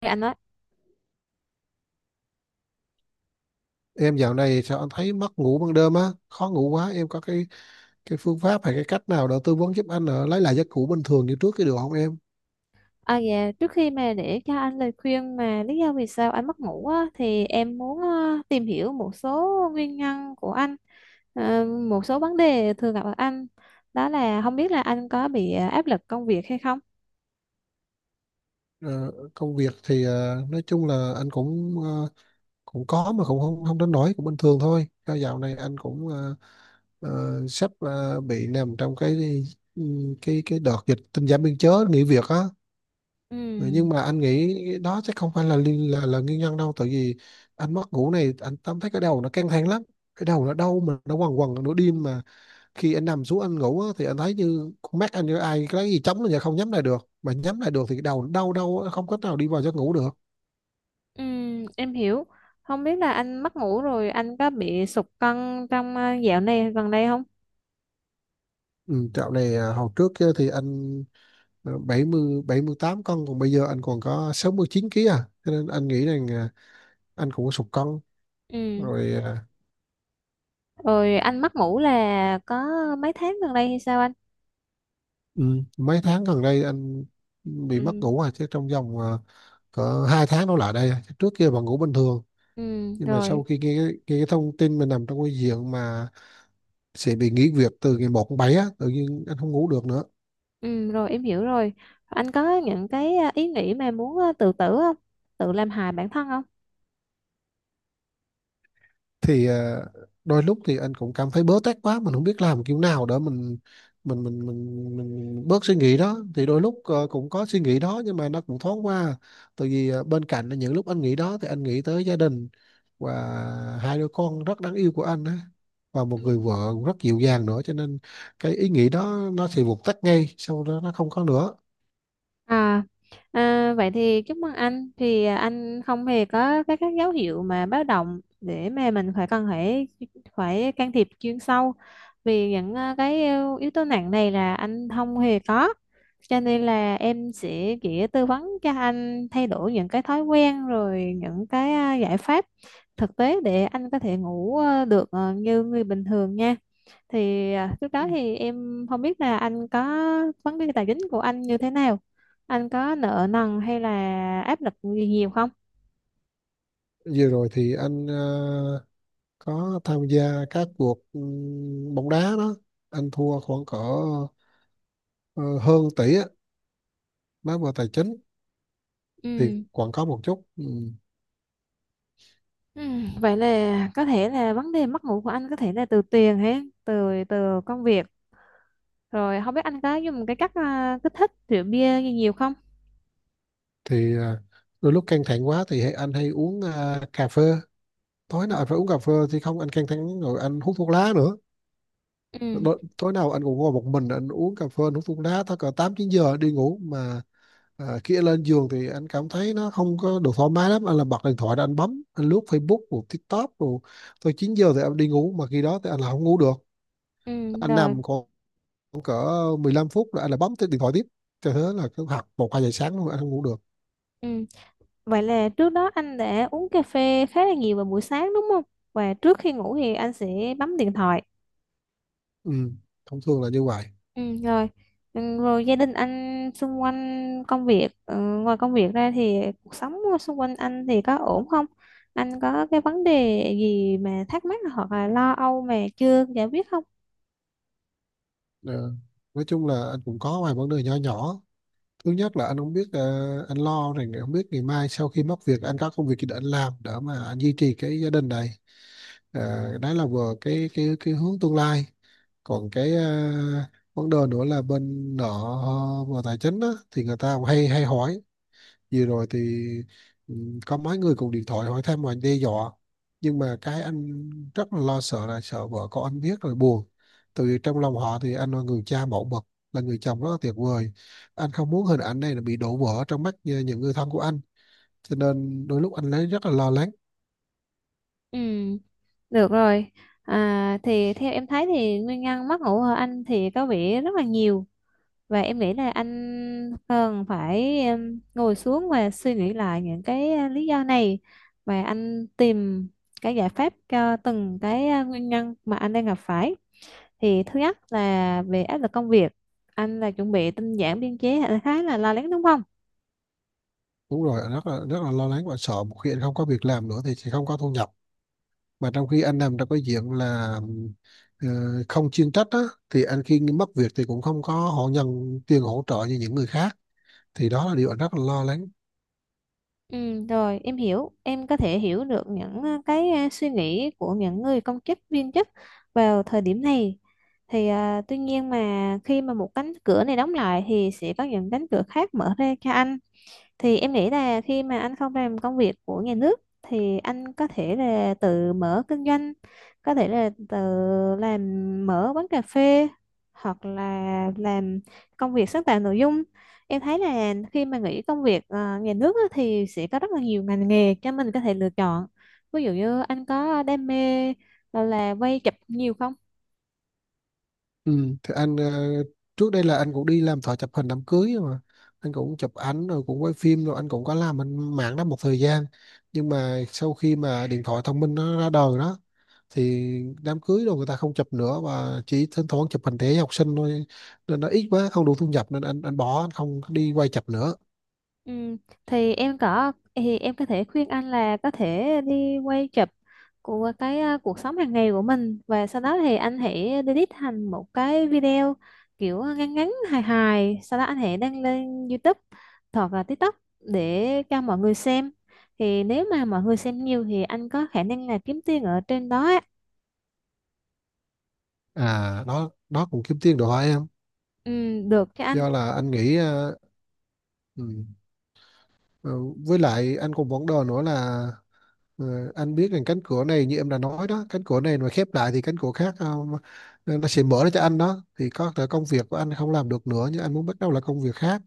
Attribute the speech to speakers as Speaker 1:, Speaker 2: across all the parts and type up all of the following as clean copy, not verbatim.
Speaker 1: Anh nói.
Speaker 2: Em dạo này sao anh thấy mất ngủ ban đêm á, khó ngủ quá. Em có cái phương pháp hay cái cách nào để tư vấn giúp anh lấy lại giấc ngủ bình thường như trước cái được không em?
Speaker 1: Dạ, trước khi mà để cho anh lời khuyên mà lý do vì sao anh mất ngủ á, thì em muốn tìm hiểu một số nguyên nhân của anh, một số vấn đề thường gặp ở anh, đó là không biết là anh có bị áp lực công việc hay không.
Speaker 2: Ờ, công việc thì nói chung là anh cũng cũng có mà cũng không không đến nỗi cũng bình thường thôi. Do dạo này anh cũng sắp bị nằm trong cái ừ, đợt dịch tinh giản biên chế nghỉ việc á. Ừ,
Speaker 1: Ừ.
Speaker 2: nhưng mà anh nghĩ đó chắc không phải là là nguyên nhân đâu. Tại vì anh mất ngủ này anh cảm thấy cái đầu nó căng thẳng lắm, cái đầu nó đau mà nó quằn quằn nửa đêm mà khi anh nằm xuống anh ngủ á, thì anh thấy như con mắt anh như ai cái gì chống là không nhắm lại được, mà nhắm lại được thì cái đầu nó đau đau á, không cách nào đi vào giấc ngủ được.
Speaker 1: Ừ, em hiểu. Không biết là anh mất ngủ rồi anh có bị sụt cân trong dạo này gần đây không?
Speaker 2: Ừ, dạo này hồi trước á thì anh 78 cân, còn bây giờ anh còn có 69 ký à, cho nên anh nghĩ rằng anh cũng có sụt cân
Speaker 1: Ừ
Speaker 2: rồi. à,
Speaker 1: rồi, anh mất ngủ là có mấy tháng gần đây hay sao anh?
Speaker 2: Ừ, mấy tháng gần đây anh bị mất
Speaker 1: Ừ.
Speaker 2: ngủ à, chứ trong vòng cỡ 2 tháng đổ lại đây à. Trước kia vẫn ngủ bình thường,
Speaker 1: Ừ
Speaker 2: nhưng mà
Speaker 1: rồi.
Speaker 2: sau khi nghe, nghe cái thông tin mình nằm trong cái diện mà sẽ bị nghỉ việc từ ngày 1 tháng 7 á, tự nhiên anh không ngủ được nữa.
Speaker 1: Ừ, rồi em hiểu rồi. Anh có những cái ý nghĩ mà muốn tự tử không? Tự làm hại bản thân không?
Speaker 2: Thì đôi lúc thì anh cũng cảm thấy bớ tét quá, mình không biết làm kiểu nào để mình bớt suy nghĩ đó. Thì đôi lúc cũng có suy nghĩ đó, nhưng mà nó cũng thoáng qua, tại vì bên cạnh là những lúc anh nghĩ đó thì anh nghĩ tới gia đình và hai đứa con rất đáng yêu của anh á, và một người vợ rất dịu dàng nữa, cho nên cái ý nghĩ đó nó sẽ vụt tắt ngay sau đó, nó không có nữa.
Speaker 1: À, vậy thì chúc mừng anh, thì anh không hề có các dấu hiệu mà báo động để mà mình phải cần phải phải can thiệp chuyên sâu, vì những cái yếu yếu tố nặng này là anh không hề có, cho nên là em sẽ chỉ tư vấn cho anh thay đổi những cái thói quen rồi những cái giải pháp thực tế để anh có thể ngủ được như người bình thường nha. Thì trước đó thì em không biết là anh có vấn đề tài chính của anh như thế nào, anh có nợ nần hay là áp lực gì nhiều không?
Speaker 2: Vừa rồi thì anh có tham gia các cuộc bóng đá đó, anh thua khoảng cỡ ờ, hơn tỷ á, nói về tài chính thì
Speaker 1: Ừ.
Speaker 2: còn có một chút. ừ.
Speaker 1: Ừ, vậy là có thể là vấn đề mất ngủ của anh có thể là từ tiền hay từ từ công việc. Rồi không biết anh có dùng cái cách kích thích rượu bia gì nhiều không?
Speaker 2: thì đôi lúc căng thẳng quá thì anh hay uống cà phê, tối
Speaker 1: Ừ.
Speaker 2: nào anh phải uống cà phê thì không anh căng thẳng, rồi anh hút thuốc lá nữa.
Speaker 1: Ừ,
Speaker 2: Tối nào anh cũng ngồi một mình anh uống cà phê, anh hút thuốc lá tới cỡ 8, 9 giờ đi ngủ mà khi anh lên giường thì anh cảm thấy nó không có được thoải mái lắm, anh là bật điện thoại ra anh bấm anh lướt Facebook rồi TikTok, rồi tới 9 giờ thì anh đi ngủ, mà khi đó thì anh là không ngủ được,
Speaker 1: ừ,
Speaker 2: anh
Speaker 1: rồi.
Speaker 2: nằm còn khoảng cỡ 15 phút là anh lại bấm tới điện thoại tiếp, cho thế là cứ học 1, 2 giờ sáng luôn anh không ngủ được.
Speaker 1: Ừ. Vậy là trước đó anh đã uống cà phê khá là nhiều vào buổi sáng đúng không? Và trước khi ngủ thì anh sẽ bấm điện thoại.
Speaker 2: Ừ, thông thường là như vậy.
Speaker 1: Ừ, rồi. Ừ, rồi gia đình anh xung quanh công việc, ngoài công việc ra thì cuộc sống xung quanh anh thì có ổn không, anh có cái vấn đề gì mà thắc mắc hoặc là lo âu mà chưa giải quyết không?
Speaker 2: Ờ, nói chung là anh cũng có vài vấn đề nhỏ nhỏ. Thứ nhất là anh không biết, anh lo rằng không biết ngày mai sau khi mất việc anh có công việc gì để anh làm để mà anh duy trì cái gia đình này. Đấy là vừa cái hướng tương lai, còn cái vấn đề nữa là bên nợ. Về tài chính á, thì người ta cũng hay hay hỏi. Vừa rồi thì ừ, có mấy người cùng điện thoại hỏi thăm và đe dọa, nhưng mà cái anh rất là lo sợ, là sợ vợ con anh biết rồi buồn. Tại vì trong lòng họ thì anh là người cha mẫu mực, là người chồng rất là tuyệt vời, anh không muốn hình ảnh này là bị đổ vỡ trong mắt như những người thân của anh, cho nên đôi lúc anh lấy rất là lo lắng.
Speaker 1: Ừ, được rồi. Thì theo em thấy thì nguyên nhân mất ngủ ở anh thì có vẻ rất là nhiều. Và em nghĩ là anh cần phải em, ngồi xuống và suy nghĩ lại những cái lý do này, và anh tìm cái giải pháp cho từng cái nguyên nhân mà anh đang gặp phải. Thì thứ nhất là về áp lực công việc, anh là chuẩn bị tinh giản biên chế, khá là lo lắng đúng không?
Speaker 2: Đúng rồi, anh rất là lo lắng và sợ một khi anh không có việc làm nữa thì sẽ không có thu nhập, mà trong khi anh làm trong cái diện là ờ, không chuyên trách á, thì anh khi mất việc thì cũng không có họ nhận tiền hỗ trợ như những người khác, thì đó là điều anh rất là lo lắng.
Speaker 1: Ừ, rồi em hiểu, em có thể hiểu được những cái suy nghĩ của những người công chức viên chức vào thời điểm này. Thì tuy nhiên mà khi mà một cánh cửa này đóng lại thì sẽ có những cánh cửa khác mở ra cho anh, thì em nghĩ là khi mà anh không làm công việc của nhà nước thì anh có thể là tự mở kinh doanh, có thể là tự làm, mở quán cà phê, hoặc là làm công việc sáng tạo nội dung. Em thấy là khi mà nghĩ công việc nhà nước á, thì sẽ có rất là nhiều ngành nghề cho mình có thể lựa chọn. Ví dụ như anh có đam mê là quay chụp nhiều không?
Speaker 2: Ừ, thì anh trước đây là anh cũng đi làm thợ chụp hình đám cưới mà, anh cũng chụp ảnh rồi cũng quay phim rồi anh cũng có làm anh mạng đó một thời gian, nhưng mà sau khi mà điện thoại thông minh nó ra đời đó thì đám cưới rồi người ta không chụp nữa, và chỉ thỉnh thoảng chụp hình thể học sinh thôi, nên nó ít quá không đủ thu nhập, nên anh bỏ, anh không đi quay chụp nữa.
Speaker 1: Ừ, thì em có thể khuyên anh là có thể đi quay chụp của cái cuộc sống hàng ngày của mình, và sau đó thì anh hãy edit thành một cái video kiểu ngắn ngắn hài hài, sau đó anh hãy đăng lên YouTube hoặc là TikTok để cho mọi người xem. Thì nếu mà mọi người xem nhiều thì anh có khả năng là kiếm tiền ở trên đó á.
Speaker 2: À, đó đó cũng kiếm tiền đồ hôi em.
Speaker 1: Ừ, được cho anh.
Speaker 2: Do là anh nghĩ ừ, ờ, với lại anh cũng vấn đề nữa là, ờ, anh biết rằng cánh cửa này như em đã nói đó, cánh cửa này mà khép lại thì cánh cửa khác nó sẽ mở ra cho anh đó, thì có thể công việc của anh không làm được nữa nhưng anh muốn bắt đầu là công việc khác,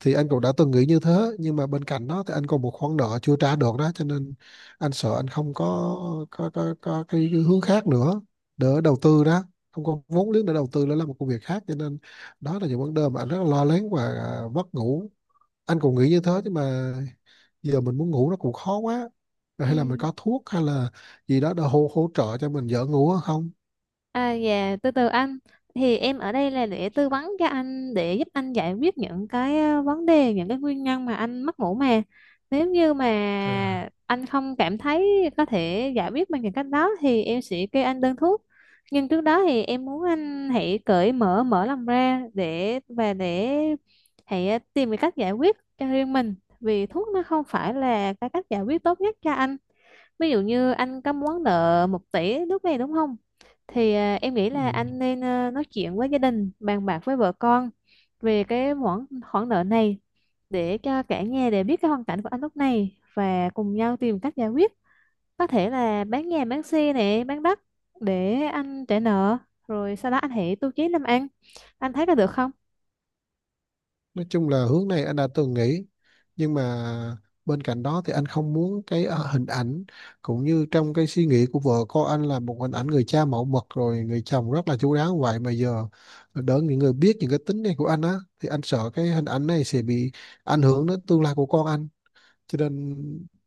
Speaker 2: thì anh cũng đã từng nghĩ như thế. Nhưng mà bên cạnh đó thì anh còn một khoản nợ chưa trả được đó, cho nên anh sợ anh không có cái hướng khác nữa để đầu tư đó, không có vốn liếng để đầu tư nữa là một công việc khác, cho nên đó là những vấn đề mà anh rất là lo lắng và mất ngủ. Anh cũng nghĩ như thế, nhưng mà giờ mình muốn ngủ nó cũng khó quá. Rồi
Speaker 1: Ừ.
Speaker 2: hay là mình có thuốc hay là gì đó để hỗ hỗ trợ cho mình dễ ngủ hơn không?
Speaker 1: À, dạ, từ từ anh. Thì em ở đây là để tư vấn cho anh, để giúp anh giải quyết những cái vấn đề, những cái nguyên nhân mà anh mất ngủ mà. Nếu như mà
Speaker 2: à,
Speaker 1: anh không cảm thấy có thể giải quyết bằng những cách đó thì em sẽ kê anh đơn thuốc. Nhưng trước đó thì em muốn anh hãy cởi mở, mở lòng ra để và để hãy tìm cái cách giải quyết cho riêng mình. Vì thuốc nó không phải là cái cách giải quyết tốt nhất cho anh. Ví dụ như anh có món nợ 1 tỷ lúc này đúng không? Thì em nghĩ
Speaker 2: ừ.
Speaker 1: là anh nên nói chuyện với gia đình, bàn bạc với vợ con về cái khoản khoản nợ này, để cho cả nhà đều biết cái hoàn cảnh của anh lúc này và cùng nhau tìm cách giải quyết. Có thể là bán nhà, bán xe này, bán đất để anh trả nợ, rồi sau đó anh hãy tu chí làm ăn. Anh thấy có được không?
Speaker 2: nói chung là hướng này anh đã từng nghĩ, nhưng mà bên cạnh đó thì anh không muốn cái hình ảnh cũng như trong cái suy nghĩ của vợ con anh là một hình ảnh người cha mẫu mực rồi người chồng rất là chu đáo, vậy mà giờ đỡ những người biết những cái tính này của anh á, thì anh sợ cái hình ảnh này sẽ bị ảnh hưởng đến tương lai của con anh. Cho nên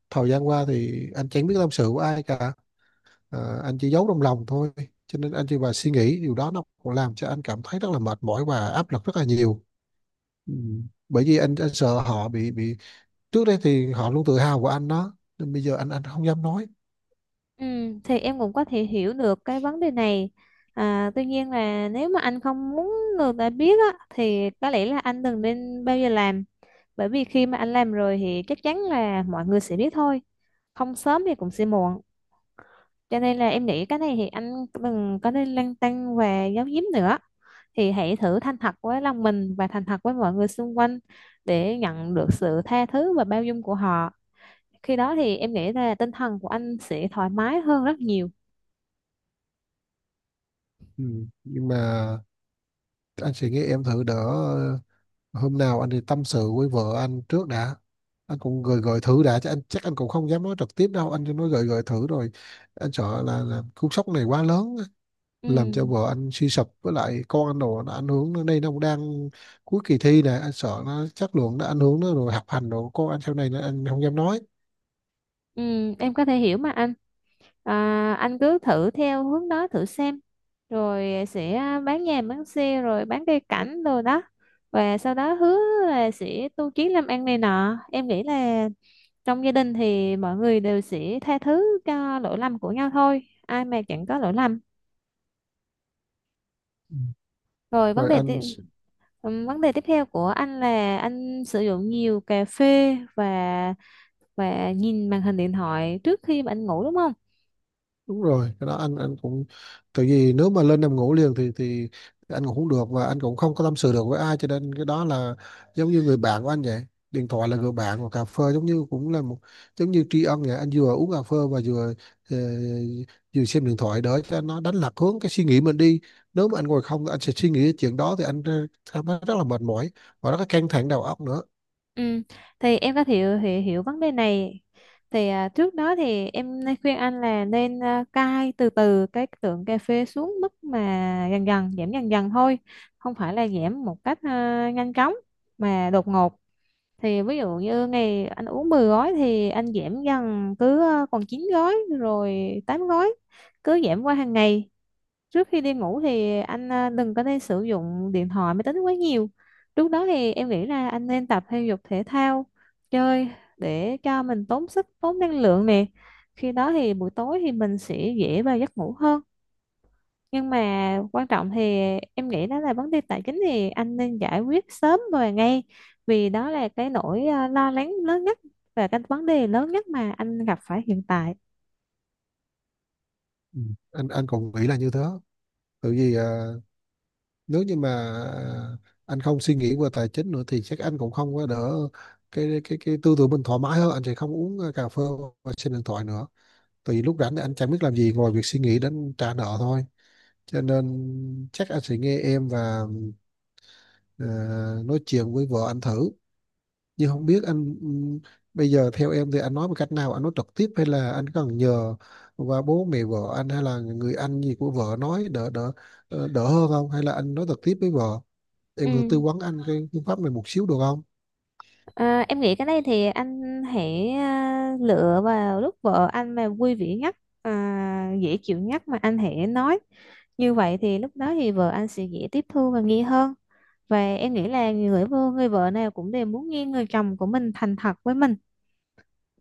Speaker 2: thời gian qua thì anh chẳng biết tâm sự của ai cả, anh chỉ giấu trong lòng thôi, cho nên anh chỉ và suy nghĩ điều đó, nó cũng làm cho anh cảm thấy rất là mệt mỏi và áp lực rất là nhiều. Ừ. Bởi vì anh sợ họ bị trước đây thì họ luôn tự hào của anh đó, nên bây giờ anh không dám nói.
Speaker 1: Ừ, thì em cũng có thể hiểu được cái vấn đề này. À, tuy nhiên là nếu mà anh không muốn người ta biết á, thì có lẽ là anh đừng nên bao giờ làm, bởi vì khi mà anh làm rồi thì chắc chắn là mọi người sẽ biết thôi, không sớm thì cũng sẽ muộn. Cho nên là em nghĩ cái này thì anh đừng có nên lăn tăn và giấu giếm nữa, thì hãy thử thành thật với lòng mình và thành thật với mọi người xung quanh, để nhận được sự tha thứ và bao dung của họ. Khi đó thì em nghĩ là tinh thần của anh sẽ thoải mái hơn rất nhiều.
Speaker 2: Ừ, nhưng mà anh sẽ nghĩ em thử đỡ, hôm nào anh thì tâm sự với vợ anh trước đã, anh cũng gợi gợi thử đã, chứ anh chắc anh cũng không dám nói trực tiếp đâu, anh chỉ nói gợi gợi thử rồi anh sợ là cú sốc này quá lớn á, làm cho
Speaker 1: Ừ.
Speaker 2: vợ anh suy sụp, với lại con anh đồ nó ảnh hưởng nó, đây nó cũng đang cuối kỳ thi này, anh sợ nó chất lượng nó ảnh hưởng nó, rồi học hành đồ con anh sau này nó anh không dám nói.
Speaker 1: Ừ, em có thể hiểu mà anh. À, anh cứ thử theo hướng đó thử xem. Rồi sẽ bán nhà bán xe rồi bán cây cảnh rồi đó. Và sau đó hứa là sẽ tu chí làm ăn này nọ. Em nghĩ là trong gia đình thì mọi người đều sẽ tha thứ cho lỗi lầm của nhau thôi. Ai mà chẳng có lỗi lầm.
Speaker 2: Ừ,
Speaker 1: Rồi vấn
Speaker 2: rồi
Speaker 1: đề tiếp.
Speaker 2: anh.
Speaker 1: Ừ, vấn đề tiếp theo của anh là anh sử dụng nhiều cà phê và nhìn màn hình điện thoại trước khi mà anh ngủ đúng không?
Speaker 2: Đúng rồi, cái đó anh cũng tại vì nếu mà lên nằm ngủ liền thì anh cũng không được, và anh cũng không có tâm sự được với ai, cho nên cái đó là giống như người bạn của anh vậy, điện thoại là người bạn, và cà phê giống như cũng là một, giống như tri ân vậy. Anh vừa uống cà phê và ờ, vừa xem điện thoại để cho nó đánh lạc hướng cái suy nghĩ mình đi, nếu mà anh ngồi không anh sẽ suy nghĩ cái chuyện đó thì anh cảm thấy rất là mệt mỏi và rất là căng thẳng đầu óc nữa.
Speaker 1: Ừ. Thì em có thể hiểu vấn đề này. Thì trước đó thì em nên khuyên anh là nên cai từ từ cái lượng cà phê xuống mức mà dần dần, giảm dần dần thôi, không phải là giảm một cách nhanh chóng mà đột ngột. Thì ví dụ như ngày anh uống 10 gói thì anh giảm dần cứ còn 9 gói, rồi 8 gói, cứ giảm qua hàng ngày. Trước khi đi ngủ thì anh đừng có nên sử dụng điện thoại máy tính quá nhiều. Lúc đó thì em nghĩ là anh nên tập thể dục thể thao, chơi để cho mình tốn sức tốn năng lượng nè, khi đó thì buổi tối thì mình sẽ dễ vào giấc ngủ hơn. Nhưng mà quan trọng thì em nghĩ đó là vấn đề tài chính thì anh nên giải quyết sớm và ngay, vì đó là cái nỗi lo lắng lớn nhất và cái vấn đề lớn nhất mà anh gặp phải hiện tại.
Speaker 2: Ừ, anh cũng nghĩ là như thế, tại vì nếu như mà anh không suy nghĩ về tài chính nữa thì chắc anh cũng không có đỡ, cái tư tưởng mình thoải mái hơn, anh sẽ không uống cà phê và xem điện thoại nữa, tại vì lúc rảnh thì anh chẳng biết làm gì ngoài việc suy nghĩ đến trả nợ thôi. Cho nên chắc anh sẽ nghe em và ờ, nói chuyện với vợ anh thử, nhưng không biết anh, bây giờ theo em thì anh nói một cách nào, anh nói trực tiếp hay là anh cần nhờ qua bố mẹ vợ anh hay là người anh gì của vợ nói đỡ đỡ ờ, đỡ hơn không, hay là anh nói trực tiếp với vợ, em có thể tư
Speaker 1: Ừ.
Speaker 2: vấn anh cái phương pháp này một xíu được không?
Speaker 1: À, em nghĩ cái này thì anh hãy lựa vào lúc vợ anh mà vui vẻ nhất, dễ chịu nhất mà anh hãy nói. Như vậy thì lúc đó thì vợ anh sẽ dễ tiếp thu và nghe hơn. Và em nghĩ là người vợ nào cũng đều muốn nghe người chồng của mình thành thật với mình.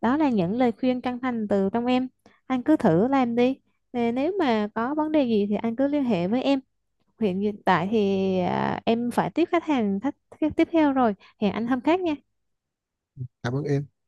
Speaker 1: Đó là những lời khuyên chân thành từ trong em. Anh cứ thử làm đi. Nè, nếu mà có vấn đề gì thì anh cứ liên hệ với em. Hiện tại thì em phải tiếp tiếp theo rồi. Hẹn anh hôm khác nha.
Speaker 2: Cảm ơn em.